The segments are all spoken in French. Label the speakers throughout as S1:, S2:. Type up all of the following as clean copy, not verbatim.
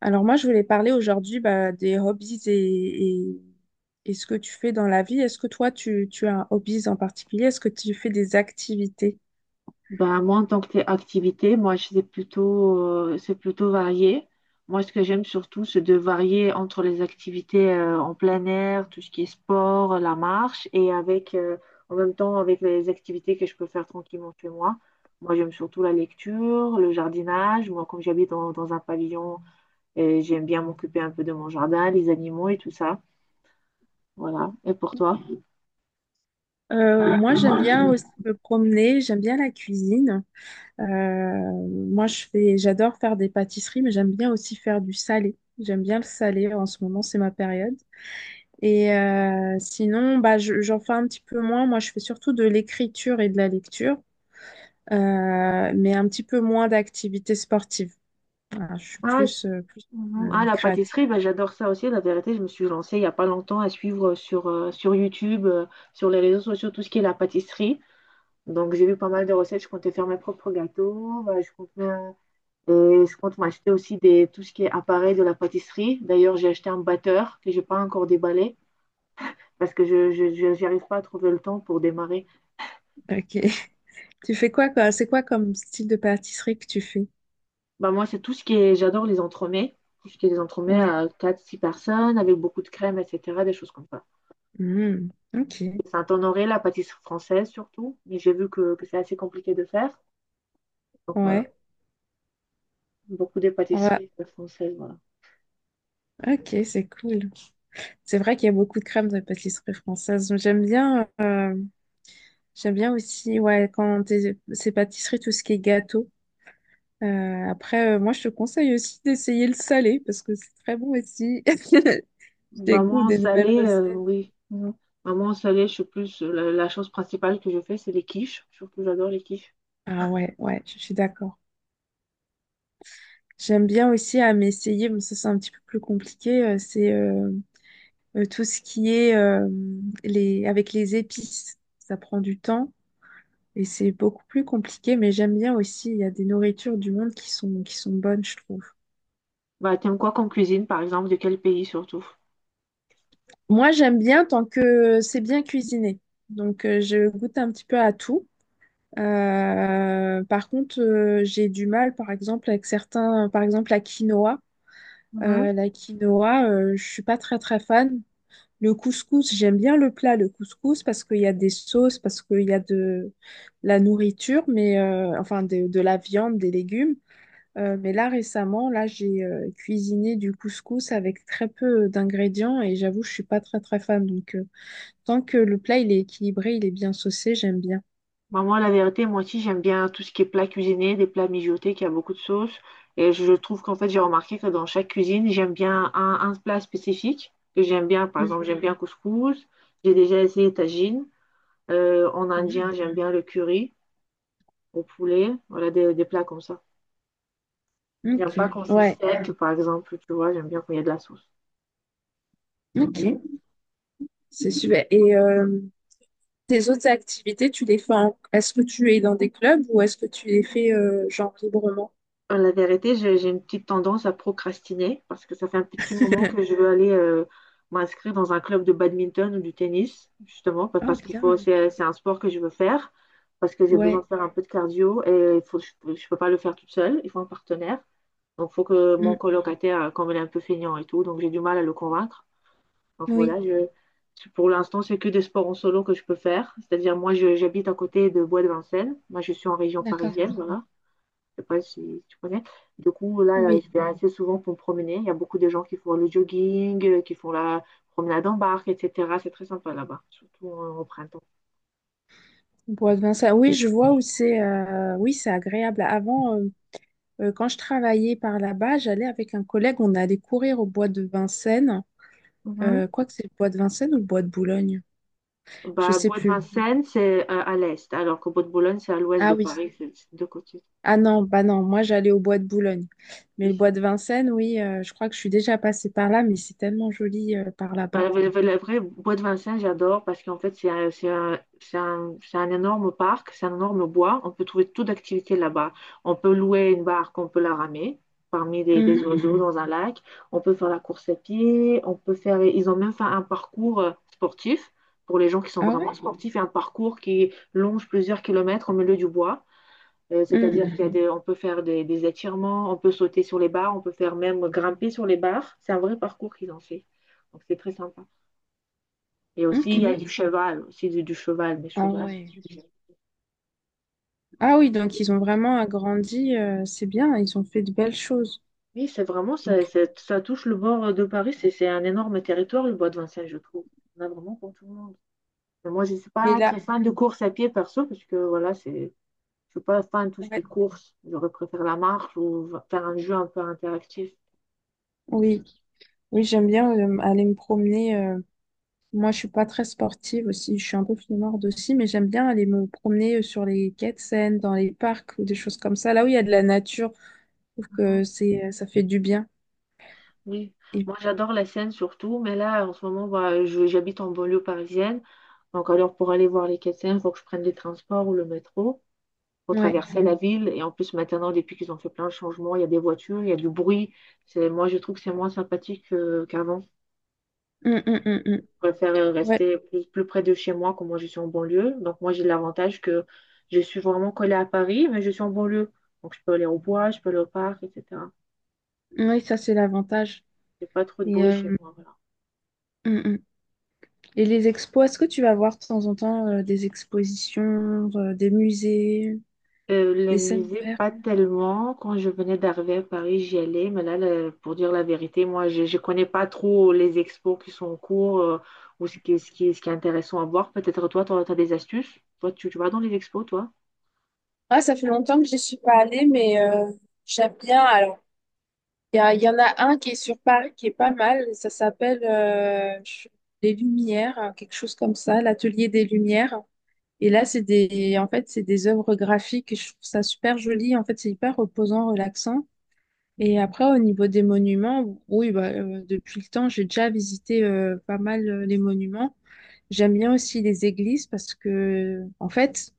S1: Alors moi, je voulais parler aujourd'hui, des hobbies et ce que tu fais dans la vie. Est-ce que toi, tu as un hobby en particulier? Est-ce que tu fais des activités?
S2: Ben, moi, en tant que activité, moi, c'est plutôt varié. Moi, ce que j'aime surtout, c'est de varier entre les activités, en plein air, tout ce qui est sport, la marche, et avec, en même temps, avec les activités que je peux faire tranquillement chez moi. Moi, j'aime surtout la lecture, le jardinage. Moi, comme j'habite dans un pavillon, j'aime bien m'occuper un peu de mon jardin, les animaux et tout ça. Voilà. Et pour toi?
S1: Moi, j'aime bien aussi me promener, j'aime bien la cuisine. Euh, Moi, j'adore faire des pâtisseries, mais j'aime bien aussi faire du salé. J'aime bien le salé. En ce moment, c'est ma période. Et sinon, j'en fais un petit peu moins. Moi, je fais surtout de l'écriture et de la lecture, mais un petit peu moins d'activités sportives. Voilà, je suis plus, plus
S2: Mhm. Ah, la
S1: créative.
S2: pâtisserie, ben, j'adore ça aussi. La vérité, je me suis lancée il n'y a pas longtemps à suivre sur YouTube, sur les réseaux sociaux, tout ce qui est la pâtisserie. Donc, j'ai vu pas mal de recettes. Je comptais faire mes propres gâteaux. Ben, et je compte m'acheter aussi tout ce qui est appareil de la pâtisserie. D'ailleurs, j'ai acheté un batteur que j'ai pas encore déballé parce que j'arrive pas à trouver le temps pour démarrer.
S1: Ok. Tu fais quoi, quoi? C'est quoi comme style de pâtisserie que tu fais?
S2: Ben, moi, c'est tout ce qui est, j'adore les entremets. Tout ce qui est des entremets
S1: Ouais.
S2: à quatre six personnes avec beaucoup de crème, etc., des choses comme ça.
S1: Hmm. Ok.
S2: Saint-Honoré, la pâtisserie française surtout. Mais j'ai vu que c'est assez compliqué de faire. Donc voilà,
S1: Ouais.
S2: beaucoup des
S1: Ouais.
S2: pâtisseries françaises. Voilà.
S1: Ok, c'est cool. C'est vrai qu'il y a beaucoup de crèmes de pâtisserie française. J'aime bien aussi, ouais, c'est pâtisserie, tout ce qui est gâteau. Après, moi, je te conseille aussi d'essayer le salé parce que c'est très bon aussi. Je
S2: Bah moi
S1: découvre
S2: en
S1: des nouvelles
S2: salé,
S1: recettes.
S2: oui. Mhm. Maman en salé, je suis plus. La chose principale que je fais, c'est les quiches. Surtout, j'adore les quiches.
S1: Ah ouais, ouais, je suis d'accord. J'aime bien aussi à m'essayer, mais ça, c'est un petit peu plus compliqué. C'est Tout ce qui est les, avec les épices. Ça prend du temps. Et c'est beaucoup plus compliqué, mais j'aime bien aussi. Il y a des nourritures du monde qui sont bonnes, je trouve.
S2: Bah, t'aimes quoi comme cuisine, par exemple, de quel pays surtout?
S1: Moi, j'aime bien tant que c'est bien cuisiné. Donc, je goûte un petit peu à tout. Par contre, j'ai du mal, par exemple, avec certains, par exemple, la quinoa. La quinoa, je suis pas très, très fan. Le couscous, j'aime bien le plat, le couscous, parce qu'il y a des sauces, parce qu'il y a de la nourriture, mais enfin de la viande, des légumes. Mais là, récemment, là, j'ai cuisiné du couscous avec très peu d'ingrédients et j'avoue, je suis pas très très fan. Donc, tant que le plat il est équilibré, il est bien saucé, j'aime bien.
S2: Bah, moi, la vérité, moi aussi, j'aime bien tout ce qui est plat cuisiné, des plats mijotés qui a beaucoup de sauce. Et je trouve qu'en fait, j'ai remarqué que dans chaque cuisine, j'aime bien un plat spécifique que j'aime bien. Par
S1: Mm.
S2: exemple, j'aime bien couscous. J'ai déjà essayé tagine. En
S1: Mhm.
S2: indien, j'aime bien le curry au poulet. Voilà, des plats comme ça. J'aime
S1: Ok,
S2: pas quand c'est
S1: ouais,
S2: sec, par exemple, tu vois. J'aime bien quand il y a de la sauce.
S1: ok, c'est super. Et tes autres activités, tu les fais en... Est-ce que tu es dans des clubs ou est-ce que tu les fais genre librement?
S2: La vérité, j'ai une petite tendance à procrastiner parce que ça fait un petit moment que je veux aller m'inscrire dans un club de badminton ou du tennis, justement,
S1: Oh,
S2: parce qu'il faut,
S1: bien.
S2: c'est un sport que je veux faire, parce que j'ai besoin
S1: Ouais.
S2: de faire un peu de cardio et il faut, je peux pas le faire toute seule, il faut un partenaire. Donc, il faut que
S1: Mm.
S2: mon colocataire, comme il est un peu feignant et tout, donc j'ai du mal à le convaincre. Donc
S1: Oui,
S2: voilà, pour l'instant, c'est que des sports en solo que je peux faire. C'est-à-dire, moi, j'habite à côté de Bois de Vincennes. Moi, je suis en région
S1: d'accord.
S2: parisienne, voilà. Je sais pas si tu connais. Du coup, là,
S1: Oui,
S2: je vais assez souvent pour me promener. Il y a beaucoup de gens qui font le jogging, qui font la promenade en barque, etc. C'est très sympa là-bas, surtout en au printemps.
S1: bois de vin, ça. Oui, je vois où c'est. Oui, c'est agréable. Avant, quand je travaillais par là-bas, j'allais avec un collègue, on allait courir au bois de Vincennes.
S2: Mhm.
S1: Quoi que c'est le bois de Vincennes ou le bois de Boulogne? Je
S2: Bah,
S1: sais
S2: Bois de
S1: plus.
S2: Vincennes, c'est à l'est, alors que Bois de Boulogne, c'est à l'ouest de
S1: Ah oui.
S2: Paris, c'est de deux côtés.
S1: Ah non, bah non, moi j'allais au bois de Boulogne. Mais le bois de Vincennes, oui, je crois que je suis déjà passée par là, mais c'est tellement joli par là-bas.
S2: Bah, la vraie bois de Vincennes, j'adore parce qu'en fait, c'est un énorme parc, c'est un énorme bois. On peut trouver toute d'activités là-bas. On peut louer une barque, on peut la ramer parmi des
S1: Mhm.
S2: oiseaux, mhm, dans un lac. On peut faire la course à pied. Ils ont même fait un parcours sportif pour les gens qui sont
S1: Ah ouais?
S2: vraiment sportifs et un parcours qui longe plusieurs kilomètres au milieu du bois. Euh,
S1: Mhm.
S2: C'est-à-dire qu'il y a, mhm, on peut faire des étirements, on peut sauter sur les barres, on peut faire même grimper sur les barres. C'est un vrai parcours qu'ils ont fait. Donc c'est très sympa. Et aussi,
S1: Ok.
S2: il y a du cheval, aussi du cheval, des
S1: Ah
S2: chevaux.
S1: ouais. Ah oui, donc ils ont vraiment agrandi, c'est bien, ils ont fait de belles choses.
S2: Oui, c'est vraiment, ça, ça touche le bord de Paris. C'est un énorme territoire, le bois de Vincennes, je trouve. On a vraiment pour tout le monde. Mais moi, je ne suis
S1: Et
S2: pas
S1: là,
S2: très fan de course à pied perso, parce que voilà, je ne suis pas fan de tout ce qui est
S1: ouais.
S2: course. J'aurais préféré la marche ou faire un jeu un peu interactif.
S1: Oui, oui, j'aime bien aller me promener. Moi, je suis pas très sportive aussi. Je suis un peu flemmarde aussi, mais j'aime bien aller me promener sur les quais de Seine, dans les parcs ou des choses comme ça. Là où il y a de la nature, je trouve
S2: Mhm.
S1: que ça fait du bien.
S2: Oui,
S1: Et
S2: moi j'adore la Seine surtout, mais là en ce moment, bah, j'habite en banlieue parisienne. Donc alors pour aller voir les Quais-de-Seine, il faut que je prenne les transports ou le métro pour
S1: ouais,
S2: traverser la ville. Et en plus maintenant, depuis qu'ils ont fait plein de changements, il y a des voitures, il y a du bruit. Moi je trouve que c'est moins sympathique qu'avant.
S1: hum, hum.
S2: Je préfère
S1: Ouais,
S2: rester plus près de chez moi, comme moi je suis en banlieue. Donc moi j'ai l'avantage que je suis vraiment collée à Paris, mais je suis en banlieue. Donc je peux aller au bois, je peux aller au parc, etc.
S1: oui, ça c'est l'avantage.
S2: Il n'y a pas trop de
S1: Et,
S2: bruit chez moi. Voilà.
S1: hum. Et les expos, est-ce que tu vas voir de temps en temps des expositions, des musées,
S2: Les
S1: des scènes
S2: musées,
S1: vertes?
S2: pas tellement. Quand je venais d'arriver à Paris, j'y allais. Mais là, pour dire la vérité, moi, je ne connais pas trop les expos qui sont en cours ou ce qui est intéressant à voir. Peut-être toi, tu as, des astuces. Toi, tu vas dans les expos, toi?
S1: Ah, ça fait longtemps que j'y suis pas allée, mais j'aime bien. Alors. Il y en a un qui est sur Paris qui est pas mal. Ça s'appelle Les Lumières, quelque chose comme ça, l'Atelier des Lumières. Et là, c'est des, en fait, c'est des œuvres graphiques. Je trouve ça super joli. En fait, c'est hyper reposant, relaxant. Et après, au niveau des monuments, oui, bah, depuis le temps, j'ai déjà visité pas mal les monuments. J'aime bien aussi les églises parce que, en fait,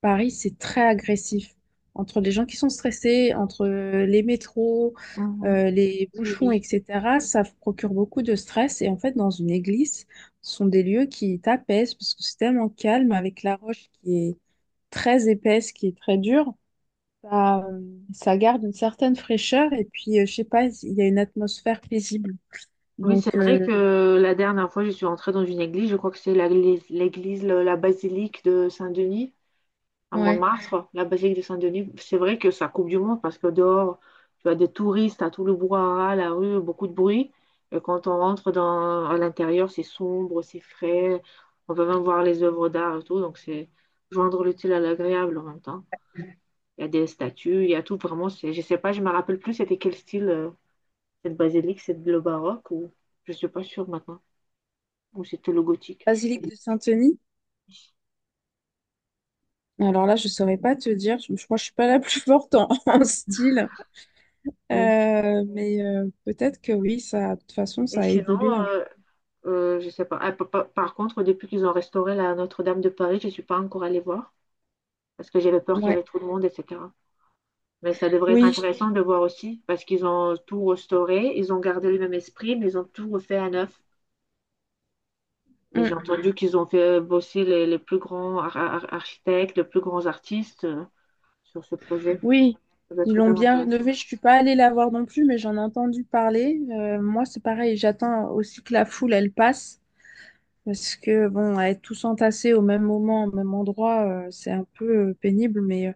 S1: Paris, c'est très agressif. Entre les gens qui sont stressés, entre les métros,
S2: Mhm.
S1: les
S2: Oui,
S1: bouchons,
S2: oui.
S1: etc., ça procure beaucoup de stress. Et en fait, dans une église, ce sont des lieux qui t'apaisent parce que c'est tellement calme avec la roche qui est très épaisse, qui est très dure. Ça, euh, Ça garde une certaine fraîcheur et puis, je sais pas, il y a une atmosphère paisible.
S2: Oui, c'est
S1: Donc,
S2: vrai que la dernière fois, je suis entrée dans une église. Je crois que c'est l'église, la basilique de Saint-Denis. À
S1: ouais.
S2: Montmartre, la basilique de Saint-Denis, c'est vrai que ça coupe du monde parce que dehors, tu as des touristes, à tout le brouhaha, la rue, beaucoup de bruit. Et quand on rentre à l'intérieur, c'est sombre, c'est frais. On peut même voir les œuvres d'art et tout. Donc, c'est joindre l'utile à l'agréable en même temps. Il y a des statues, il y a tout vraiment. Je sais pas, je me rappelle plus c'était quel style cette basilique, c'est le baroque ou je suis pas sûre maintenant, ou c'était le gothique.
S1: Basilique de Saint-Denis. Alors là, je saurais pas te dire. Je crois que je suis pas la plus forte en en style.
S2: Oui.
S1: Mais peut-être que oui, ça, de toute façon,
S2: Et
S1: ça a
S2: sinon,
S1: évolué, hein.
S2: je sais pas. Ah, par contre, depuis qu'ils ont restauré la Notre-Dame de Paris, je suis pas encore allée voir parce que j'avais peur qu'il y
S1: Ouais.
S2: avait trop de monde, etc. Mais ça devrait être
S1: Oui,
S2: intéressant de voir aussi parce qu'ils ont tout restauré, ils ont gardé le même esprit, mais ils ont tout refait à neuf. Et j'ai
S1: mm,
S2: entendu qu'ils ont fait bosser les plus grands architectes, les plus grands artistes sur ce projet.
S1: oui,
S2: Ça doit
S1: ils
S2: être très
S1: l'ont bien
S2: intéressant.
S1: rénové. Je suis pas allée la voir non plus, mais j'en ai entendu parler. Moi, c'est pareil, j'attends aussi que la foule, elle passe. Parce que, bon, être tous entassés au même moment, au même endroit, c'est un peu pénible. Mais euh,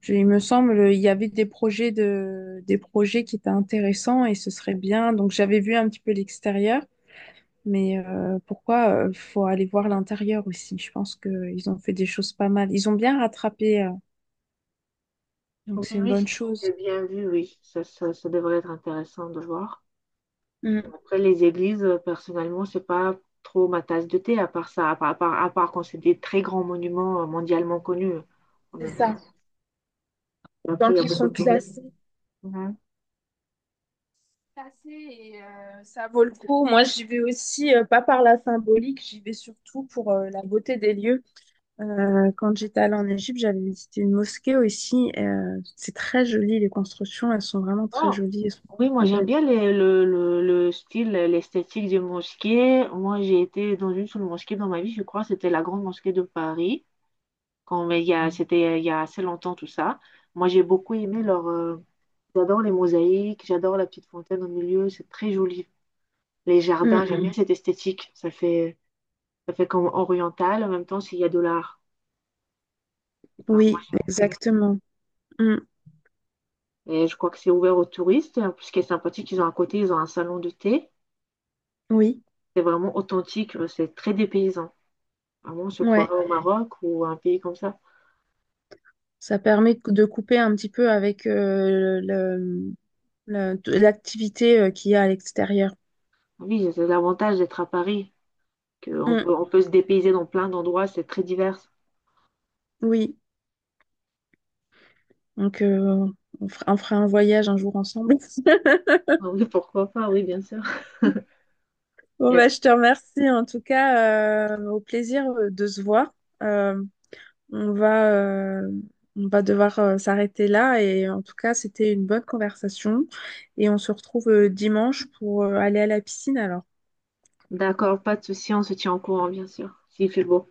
S1: je- il me semble, il y avait des projets qui étaient intéressants et ce serait bien. Donc, j'avais vu un petit peu l'extérieur. Mais pourquoi faut aller voir l'intérieur aussi? Je pense qu'ils ont fait des choses pas mal. Ils ont bien rattrapé, donc
S2: Oui,
S1: c'est une
S2: oui,
S1: bonne chose.
S2: j'ai bien vu, oui. Ça devrait être intéressant de voir. Bon,
S1: Mm.
S2: après, les églises, personnellement, c'est pas trop ma tasse de thé, à part ça, à part quand c'est des très grands monuments mondialement connus en même temps. Et après, il y a beaucoup de tourisme. Mhm.
S1: Passer et ça vaut le coup. Moi, j'y vais aussi, pas par la symbolique, j'y vais surtout pour la beauté des lieux. Quand j'étais allée en Égypte, j'avais visité une mosquée aussi. C'est très joli, les constructions, elles sont vraiment très
S2: Non.
S1: jolies, elles sont
S2: Oui, moi
S1: très
S2: j'aime
S1: belles.
S2: bien le style, l'esthétique des mosquées. Moi j'ai été dans une seule mosquée dans ma vie, je crois, c'était la grande mosquée de Paris, quand, mais il y a, c'était il y a assez longtemps tout ça. Moi j'ai beaucoup aimé j'adore les mosaïques, j'adore la petite fontaine au milieu, c'est très joli. Les jardins,
S1: Mm.
S2: j'aime bien cette esthétique, ça fait. Ça fait comme oriental. En même temps, s'il y a de l'art. Et ben, moi,
S1: Oui, exactement. Mm.
S2: et je crois que c'est ouvert aux touristes. En plus, ce qui est sympathique, ils ont à côté, ils ont un salon de thé.
S1: Oui,
S2: C'est vraiment authentique. C'est très dépaysant. Vraiment, on se
S1: ouais.
S2: croirait au Maroc ou à un pays comme ça.
S1: Ça permet de couper un petit peu avec l'activité qu'il y a à l'extérieur.
S2: Ah oui, c'est l'avantage d'être à Paris, qu'on
S1: Mm,
S2: peut, on peut se dépayser dans plein d'endroits. C'est très divers.
S1: oui, donc on fera un voyage un jour ensemble.
S2: Ah oui, pourquoi pas, oui, bien sûr.
S1: Bon,
S2: y a-
S1: bah, je te remercie en tout cas. Au plaisir de se voir. Euh, on va, euh, on va devoir s'arrêter là. Et en tout cas, c'était une bonne conversation. Et on se retrouve dimanche pour aller à la piscine alors.
S2: D'accord, pas de souci, on se tient au courant, bien sûr, s'il fait beau.